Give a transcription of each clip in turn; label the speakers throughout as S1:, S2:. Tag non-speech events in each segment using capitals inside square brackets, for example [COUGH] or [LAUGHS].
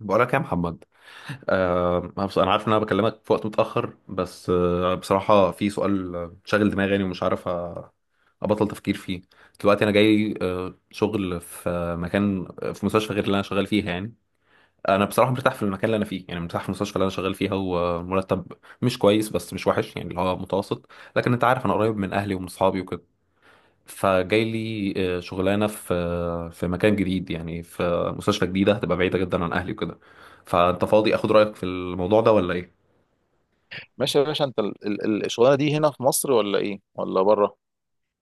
S1: بقولك يا محمد. أنا عارف ان انا بكلمك في وقت متاخر، بس بصراحه في سؤال، شاغل دماغي يعني، ومش عارف، ابطل تفكير فيه. دلوقتي انا جاي شغل في مكان، في مستشفى غير اللي انا شغال فيها يعني. انا بصراحه مرتاح في المكان اللي انا فيه، يعني مرتاح في المستشفى اللي انا شغال فيها، ومرتب مش كويس بس مش وحش يعني، اللي هو متوسط. لكن انت عارف، انا قريب من اهلي ومن اصحابي، فجاي لي شغلانه في، في مكان جديد، يعني في مستشفى جديده هتبقى بعيده جدا عن اهلي وكده. فانت فاضي اخد رايك في الموضوع ده ولا ايه؟
S2: ماشي يا باشا، انت الشغلانه دي هنا في مصر ولا ايه ولا بره؟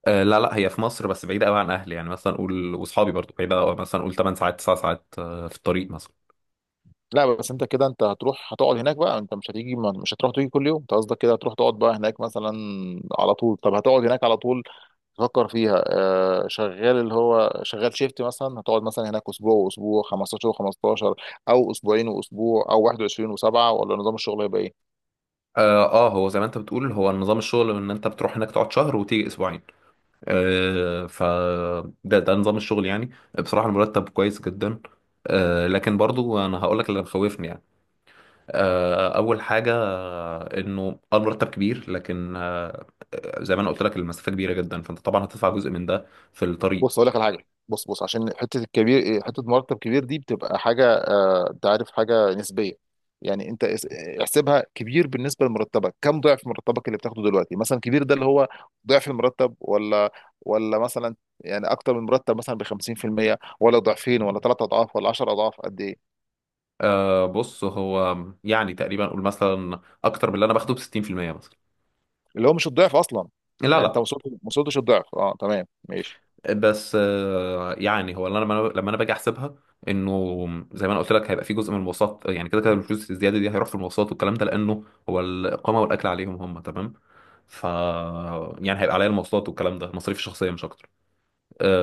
S1: لا لا، هي في مصر، بس بعيده قوي عن اهلي، يعني مثلا قول، واصحابي برضو بعيده أوي، مثلا قول 8 ساعات 9 ساعات في الطريق مثلا.
S2: لا بس انت كده انت هتروح هتقعد هناك بقى، انت مش هتيجي، مش هتروح تيجي كل يوم. انت قصدك كده هتروح تقعد بقى هناك مثلا على طول؟ طب هتقعد هناك على طول تفكر فيها؟ شغال، اللي هو شغال شيفت مثلا، هتقعد مثلا هناك اسبوع واسبوع، 15 و15، او اسبوعين واسبوع، او 21 و7، ولا نظام الشغل هيبقى ايه؟
S1: هو زي ما انت بتقول، هو نظام الشغل ان انت بتروح هناك تقعد شهر وتيجي اسبوعين. آه ف ده نظام الشغل يعني. بصراحه المرتب كويس جدا، لكن برضو انا هقول لك اللي مخوفني يعني. اول حاجه، انه المرتب كبير، لكن زي ما انا قلت لك، المسافه كبيره جدا، فانت طبعا هتدفع جزء من ده في الطريق.
S2: بص اقول لك على حاجه، بص عشان حته الكبير إيه، حته مرتب كبير دي بتبقى حاجه، انت عارف، حاجه نسبيه. يعني انت احسبها كبير بالنسبه لمرتبك. كم ضعف مرتبك اللي بتاخده دلوقتي؟ مثلا كبير ده اللي هو ضعف المرتب، ولا ولا مثلا، يعني اكتر من مرتب مثلا ب 50%، ولا ضعفين، ولا ثلاث اضعاف، ولا 10 اضعاف، قد ايه؟
S1: بص، هو يعني تقريبا اقول مثلا اكتر من اللي انا باخده ب 60% مثلا.
S2: اللي هو مش الضعف اصلا.
S1: لا
S2: يعني انت
S1: لا.
S2: ما وصلتش الضعف. اه، تمام، ماشي.
S1: بس يعني هو اللي انا لما انا باجي احسبها، انه زي ما انا قلت لك، هيبقى في جزء من المواصلات، يعني كده كده الفلوس الزياده دي هيروح في المواصلات والكلام ده، لانه هو الاقامه والاكل عليهم هم، تمام. ف يعني هيبقى عليا المواصلات والكلام ده، مصاريف الشخصيه مش اكتر.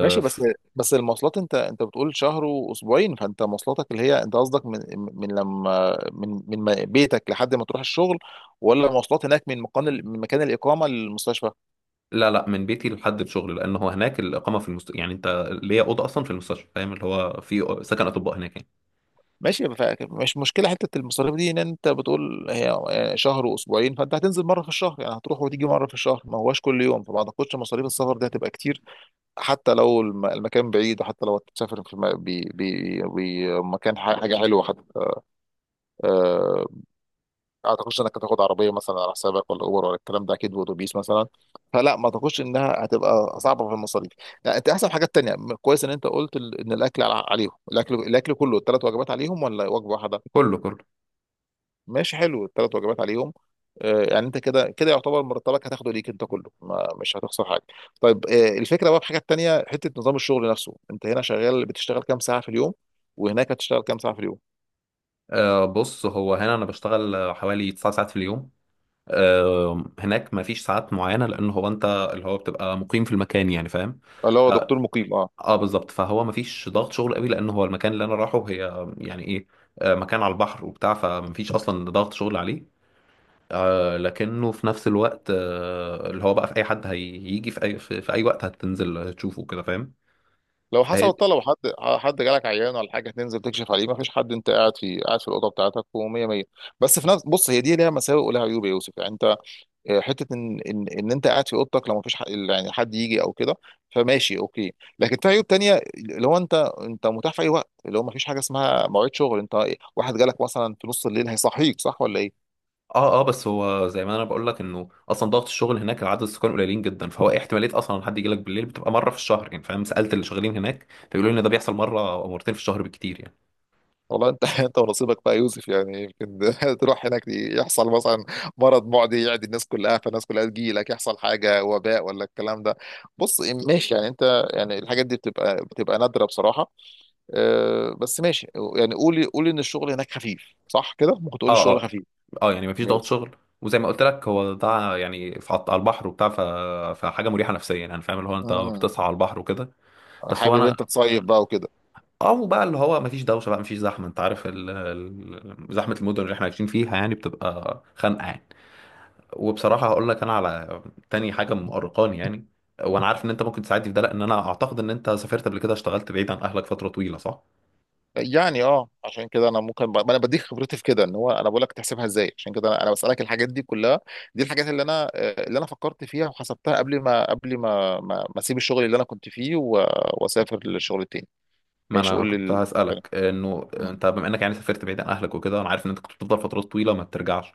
S2: ماشي بس بس المواصلات، انت بتقول شهر واسبوعين، فانت مواصلاتك اللي هي انت قصدك، من لما من من ما- بيتك لحد ما تروح الشغل، ولا مواصلات هناك من مكان الاقامه للمستشفى؟
S1: لا لا، من بيتي لحد الشغل، لان هو هناك الاقامه في يعني انت ليا اوضه اصلا في المستشفى، فاهم؟ اللي هو في سكن اطباء هناك يعني.
S2: ماشي، مش مشكله. حته المصاريف دي، ان انت بتقول هي شهر واسبوعين، فانت هتنزل مره في الشهر، يعني هتروح وتيجي مره في الشهر، ما هواش كل يوم، فما اعتقدش مصاريف السفر دي هتبقى كتير. حتى لو المكان بعيد، وحتى لو هتسافر في مكان حاجه حلوه حتى، آه، اعتقدش انك هتاخد عربيه مثلا على حسابك، ولا اوبر ولا الكلام ده، اكيد واتوبيس مثلا. فلا، ما اعتقدش انها هتبقى صعبه في المصاريف، لا. انت احسن حاجات تانية. كويس ان انت قلت ان الاكل عليهم. الاكل الاكل كله الثلاث وجبات عليهم، ولا وجبه واحده؟
S1: كله كله.
S2: ماشي، حلو، الثلاث وجبات عليهم. يعني انت كده كده يعتبر مرتبك هتاخده ليك انت كله، ما مش هتخسر حاجه. طيب، الفكره بقى في حاجه تانية، حته نظام الشغل نفسه. انت هنا شغال بتشتغل كام ساعه في اليوم، وهناك هتشتغل كام ساعه في اليوم؟
S1: بص، هو هنا انا بشتغل حوالي 9 ساعات في اليوم. هناك ما فيش ساعات معينه، لان هو انت اللي هو بتبقى مقيم في المكان يعني، فاهم؟
S2: اللي هو
S1: اه,
S2: دكتور مقيم،
S1: بالظبط. فهو ما فيش ضغط شغل قوي، لان هو المكان اللي انا رايحه هي يعني ايه، مكان على البحر وبتاع، فما فيش اصلا ضغط شغل عليه. لكنه في نفس الوقت، اللي هو بقى في اي حد هيجي في اي وقت هتنزل تشوفه كده، فاهم؟
S2: لو حسب
S1: فهي دي-
S2: الطلب، حد حد جالك عيان ولا حاجه تنزل تكشف عليه، ما فيش حد انت قاعد في الاوضه بتاعتك ومية مية. بس في نفس، بص هي دي ليها مساوئ ولها عيوب يا يوسف. يعني انت، حته ان إن انت قاعد في اوضتك لو ما فيش حق يعني حد يجي او كده، فماشي اوكي. لكن في عيوب تانية، اللي هو انت انت متاح في اي وقت، اللي هو ما فيش حاجه اسمها مواعيد شغل. انت واحد جالك مثلا في نص الليل هيصحيك، صح ولا ايه؟
S1: اه اه. بس هو زي ما انا بقول لك، انه اصلا ضغط الشغل هناك، العدد السكان قليلين جدا، فهو ايه، احتماليه اصلا ان حد يجي لك بالليل بتبقى مره في الشهر يعني، فاهم؟ سالت اللي شغالين هناك فيقولوا لي ان ده بيحصل مره او مرتين في الشهر بالكتير يعني.
S2: والله انت [LAUGHS] انت ونصيبك بقى يا يوسف. يعني يمكن [LAUGHS] تروح هناك يحصل مثلا مرض معدي يعدي الناس كلها، فالناس كلها تجي لك، يحصل حاجه وباء ولا الكلام ده. بص، ماشي، يعني انت يعني الحاجات دي بتبقى نادره بصراحه. اه، بس ماشي. يعني قولي ان الشغل هناك خفيف، صح كده؟ ممكن تقولي
S1: اه
S2: الشغل
S1: اه
S2: خفيف.
S1: اه. يعني مفيش ضغط
S2: ماشي.
S1: شغل، وزي ما قلت لك، هو ده يعني في على البحر وبتاع، فحاجه مريحه نفسيا يعني، فاهم؟ اللي هو انت
S2: مم.
S1: بتصحى على البحر وكده. بس هو
S2: حابب
S1: انا،
S2: انت تصيف بقى وكده.
S1: او بقى اللي هو مفيش دوشه بقى، مفيش زحمه، انت عارف زحمه المدن اللي احنا عايشين فيها يعني بتبقى خانقه يعني. وبصراحه هقول لك انا على تاني حاجه مؤرقاني يعني، وانا عارف ان انت ممكن تساعدني في ده، لان انا اعتقد ان انت سافرت قبل كده، اشتغلت بعيد عن اهلك فتره طويله، صح؟
S2: يعني اه، عشان كده انا ممكن انا بديك خبرتي في كده، ان هو انا بقول لك تحسبها ازاي. عشان كده أنا بسالك الحاجات دي كلها. دي الحاجات اللي انا، اللي انا فكرت فيها وحسبتها، قبل ما اسيب الشغل اللي انا كنت فيه، و واسافر للشغل التاني.
S1: ما
S2: ماشي
S1: انا
S2: قول
S1: كنت
S2: لي.
S1: هسألك انه انت بما انك يعني سافرت بعيد عن اهلك وكده، انا عارف ان انت كنت بتفضل فترات طويلة ما بترجعش.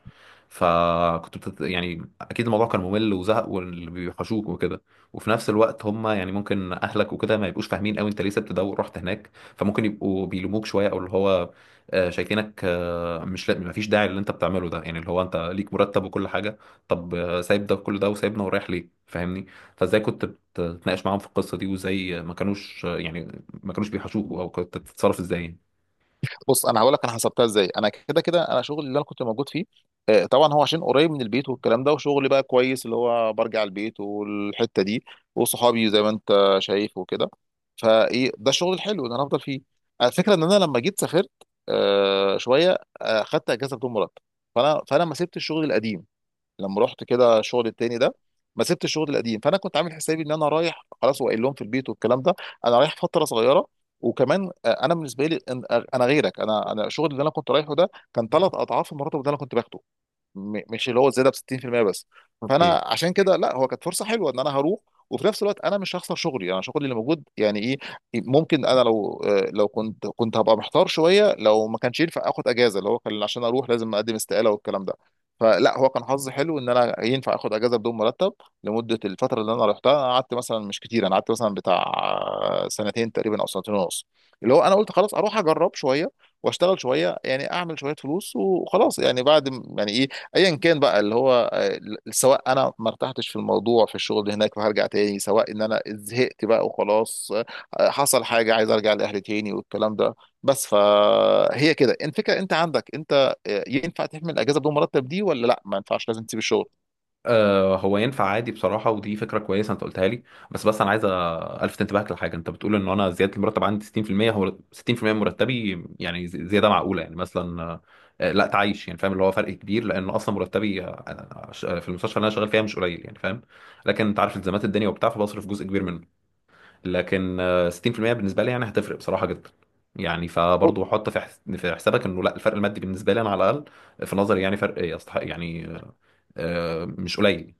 S1: يعني اكيد الموضوع كان ممل وزهق واللي بيوحشوك وكده. وفي نفس الوقت هم يعني ممكن اهلك وكده ما يبقوش فاهمين قوي انت ليه سبت ده ورحت هناك، فممكن يبقوا بيلوموك شوية، او اللي هو شايفينك مش، لا، ما فيش داعي اللي انت بتعمله ده، يعني اللي هو انت ليك مرتب وكل حاجة، طب سايب ده وكل ده وسايبنا ورايح ليه، فاهمني؟ فازاي كنت بتتناقش معاهم في القصة دي، وازاي ما كانوش، يعني ما كانوش بيحاسبوه، او كنت تتصرف ازاي يعني.
S2: بص انا هقول لك انا حسبتها ازاي. انا كده كده انا شغلي اللي انا كنت موجود فيه، طبعا هو عشان قريب من البيت والكلام ده، وشغلي بقى كويس، اللي هو برجع البيت والحته دي وصحابي زي ما انت شايف وكده، فايه ده الشغل الحلو اللي انا هفضل فيه. الفكره ان انا لما جيت سافرت، شويه، خدت اجازه بدون مرتب. فانا ما سبت الشغل القديم لما رحت كده شغل التاني ده، ما سبت الشغل القديم. فانا كنت عامل حسابي ان انا رايح خلاص، وقايل لهم في البيت والكلام ده انا رايح فتره صغيره. وكمان، انا بالنسبه لي انا غيرك، انا الشغل اللي انا كنت رايحه ده كان ثلاث اضعاف المرتب اللي انا كنت باخده، مش اللي هو زياده ب 60% بس.
S1: اوكي.
S2: فانا عشان كده لا، هو كانت فرصه حلوه ان انا هروح، وفي نفس الوقت انا مش هخسر شغلي، انا شغلي اللي موجود يعني ايه. ممكن انا لو، لو كنت هبقى محتار شويه لو ما كانش ينفع اخد اجازه، اللي هو كان عشان اروح لازم اقدم استقاله والكلام ده. فلا، هو كان حظي حلو ان انا ينفع اخد اجازه بدون مرتب لمده الفتره اللي انا رحتها. انا قعدت مثلا مش كتير، انا قعدت مثلا بتاع، سنتين تقريبا او سنتين ونص. اللي هو انا قلت خلاص اروح اجرب شويه واشتغل شويه، يعني اعمل شويه فلوس وخلاص. يعني بعد يعني ايه، ايا كان بقى اللي هو، سواء انا ما ارتحتش في الموضوع في الشغل هناك فهرجع تاني، سواء ان انا زهقت بقى وخلاص، حصل حاجه عايز ارجع لاهلي تاني والكلام ده. بس فهي كده الفكره. انت عندك انت، ينفع تحمل اجازه بدون مرتب دي ولا لا ما ينفعش لازم تسيب الشغل؟
S1: هو ينفع عادي بصراحة، ودي فكرة كويسة انت قلتها لي. بس انا عايز الفت انتباهك لحاجة. انت بتقول ان انا زيادة المرتب عندي 60%. هو 60% من مرتبي يعني، زيادة معقولة يعني مثلا، لا تعيش يعني، فاهم؟ اللي هو فرق كبير، لان اصلا مرتبي، في المستشفى اللي انا شغال فيها مش قليل يعني، فاهم؟ لكن انت عارف التزامات الدنيا وبتاع، فبصرف جزء كبير منه. لكن 60% بالنسبه لي يعني هتفرق بصراحه جدا يعني.
S2: ب-
S1: فبرضه حط في حسابك، انه لا، الفرق المادي بالنسبه لي انا، على الاقل في نظري، يعني فرق يستحق يعني، مش قليل.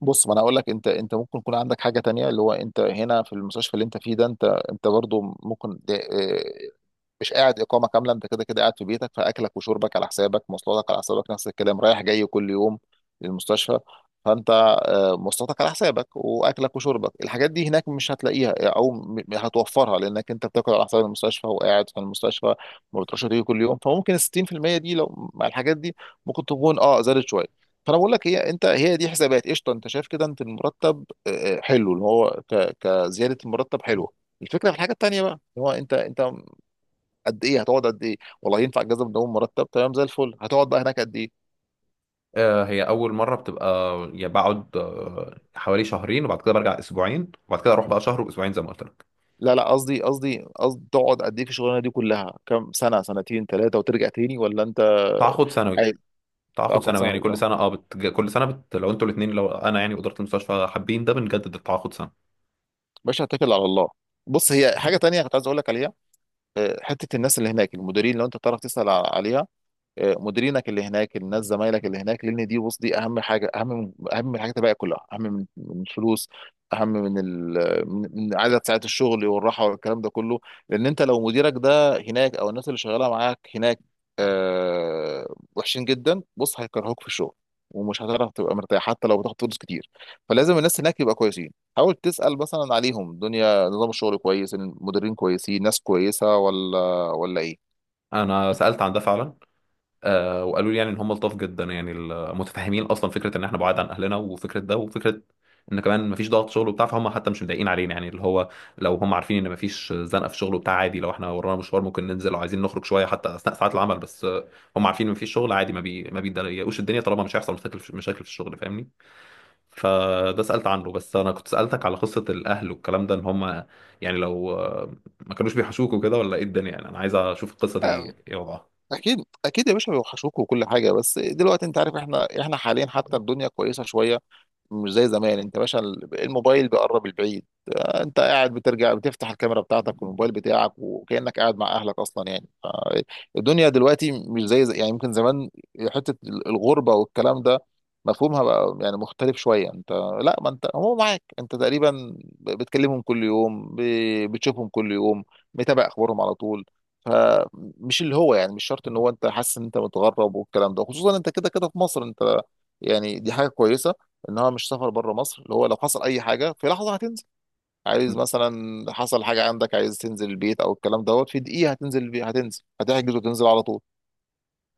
S2: بص ما انا اقول لك، انت ممكن يكون عندك حاجه تانية، اللي هو انت هنا في المستشفى اللي انت فيه ده، انت برضو ممكن مش قاعد اقامه كامله، انت كده كده قاعد في بيتك، فاكلك وشربك على حسابك، مواصلاتك على حسابك، نفس الكلام، رايح جاي كل يوم للمستشفى. فانت، مواصلاتك على حسابك واكلك وشربك، الحاجات دي هناك مش هتلاقيها، او هتوفرها لانك انت بتاكل على حساب المستشفى وقاعد في المستشفى، ما بتروحش تيجي كل يوم. فممكن ال 60% دي لو مع الحاجات دي ممكن تكون اه زادت شويه. فانا بقول لك هي، انت هي دي حسابات قشطه، انت شايف كده. انت المرتب حلو، اللي هو كزياده، المرتب حلوه. الفكره في الحاجه التانيه بقى، اللي هو انت انت قد ايه هتقعد؟ قد ايه؟ والله ينفع اجازه من اول مرتب، تمام زي الفل. هتقعد بقى هناك قد ايه؟
S1: هي اول مره، بتبقى يعني بقعد حوالي شهرين، وبعد كده برجع اسبوعين، وبعد كده اروح بقى شهر واسبوعين زي ما قلت لك.
S2: لا لا، قصدي تقعد قد ايه في الشغلانه دي كلها؟ كام سنه، سنتين ثلاثه وترجع تاني، ولا انت
S1: تعاقد سنوي.
S2: عايز
S1: تعاقد
S2: تاخد
S1: سنوي،
S2: سنه
S1: يعني كل
S2: ولا
S1: سنه لو انتوا الاثنين، لو انا يعني واداره المستشفى حابين، ده بنجدد التعاقد سنه.
S2: مش هتكل على الله؟ بص هي حاجه تانية كنت عايز اقول لك عليها، حته الناس اللي هناك المديرين، لو انت تعرف تسال عليها. مديرينك اللي هناك، الناس زمايلك اللي هناك، لان دي بص دي اهم حاجه، اهم من الحاجات الباقيه كلها، اهم من الفلوس، اهم من ال... من من عدد ساعات الشغل والراحه والكلام ده كله. لان انت لو مديرك ده هناك او الناس اللي شغاله معاك هناك وحشين جدا، بص هيكرهوك في الشغل ومش هتعرف تبقى مرتاح حتى لو بتاخد فلوس كتير. فلازم الناس هناك يبقى كويسين. حاول تسأل مثلا عليهم، دنيا نظام الشغل كويس، المديرين كويسين، ناس كويسة، ولا ولا ايه؟
S1: انا سالت عن ده فعلا. وقالوا لي يعني ان هم لطاف جدا يعني، متفهمين اصلا فكره ان احنا بعاد عن اهلنا، وفكره ده، وفكره ان كمان مفيش ضغط شغل وبتاع، فهم حتى مش مضايقين علينا يعني. اللي هو لو هم عارفين ان مفيش زنقه في الشغل وبتاع، عادي لو احنا ورانا مشوار ممكن ننزل، لو عايزين نخرج شويه حتى اثناء ساعات العمل، بس هم عارفين ان مفيش شغل، عادي، ما بيضايقوش الدنيا، طالما مش هيحصل مشاكل في الشغل، فاهمني؟ فده سالت عنه. بس انا كنت سالتك على قصه الاهل والكلام ده، ان هم يعني لو ما كانوش بيحشوك وكده، ولا ايه الدنيا يعني، انا عايز اشوف القصه دي ايه وضعها.
S2: اكيد اكيد يا باشا بيوحشوك وكل حاجه، بس دلوقتي انت عارف احنا، احنا حاليا حتى الدنيا كويسه شويه، مش زي زمان. انت باشا الموبايل بيقرب البعيد، انت قاعد بترجع بتفتح الكاميرا بتاعتك والموبايل بتاعك وكأنك قاعد مع اهلك اصلا. يعني الدنيا دلوقتي مش يعني يمكن زمان حتة الغربة والكلام ده مفهومها بقى يعني مختلف شوية. انت لا، ما انت هو معاك انت تقريبا بتكلمهم كل يوم، بتشوفهم كل يوم، متابع اخبارهم على طول. فمش اللي هو يعني مش شرط ان هو انت حاسس ان انت متغرب والكلام ده، خصوصا انت كده كده في مصر انت. يعني دي حاجة كويسة انها مش سفر بره مصر، اللي هو لو حصل اي حاجه في لحظه هتنزل. عايز مثلا حصل حاجه عندك عايز تنزل البيت او الكلام دوت، في دقيقه هتنزل البيت، هتنزل هتحجز وتنزل على طول.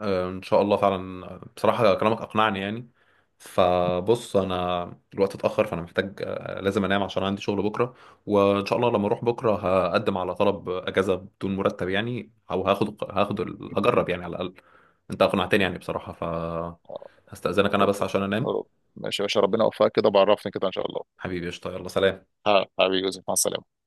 S1: ان شاء الله فعلا. بصراحة كلامك اقنعني يعني. فبص انا، الوقت اتأخر، فانا محتاج، لازم انام عشان عندي شغل بكرة. وان شاء الله لما اروح بكرة، هقدم على طلب اجازة بدون مرتب يعني، او هاخد هجرب يعني على الاقل. انت اقنعتني يعني بصراحة. ف
S2: آه،
S1: هستأذنك انا،
S2: رب
S1: بس عشان انام.
S2: رب ماشي يا باشا ربنا يوفقك، كده بعرفني كده ان شاء الله.
S1: حبيبي قشطة، يلا سلام.
S2: ها- حبيبي يوسف مع السلامه.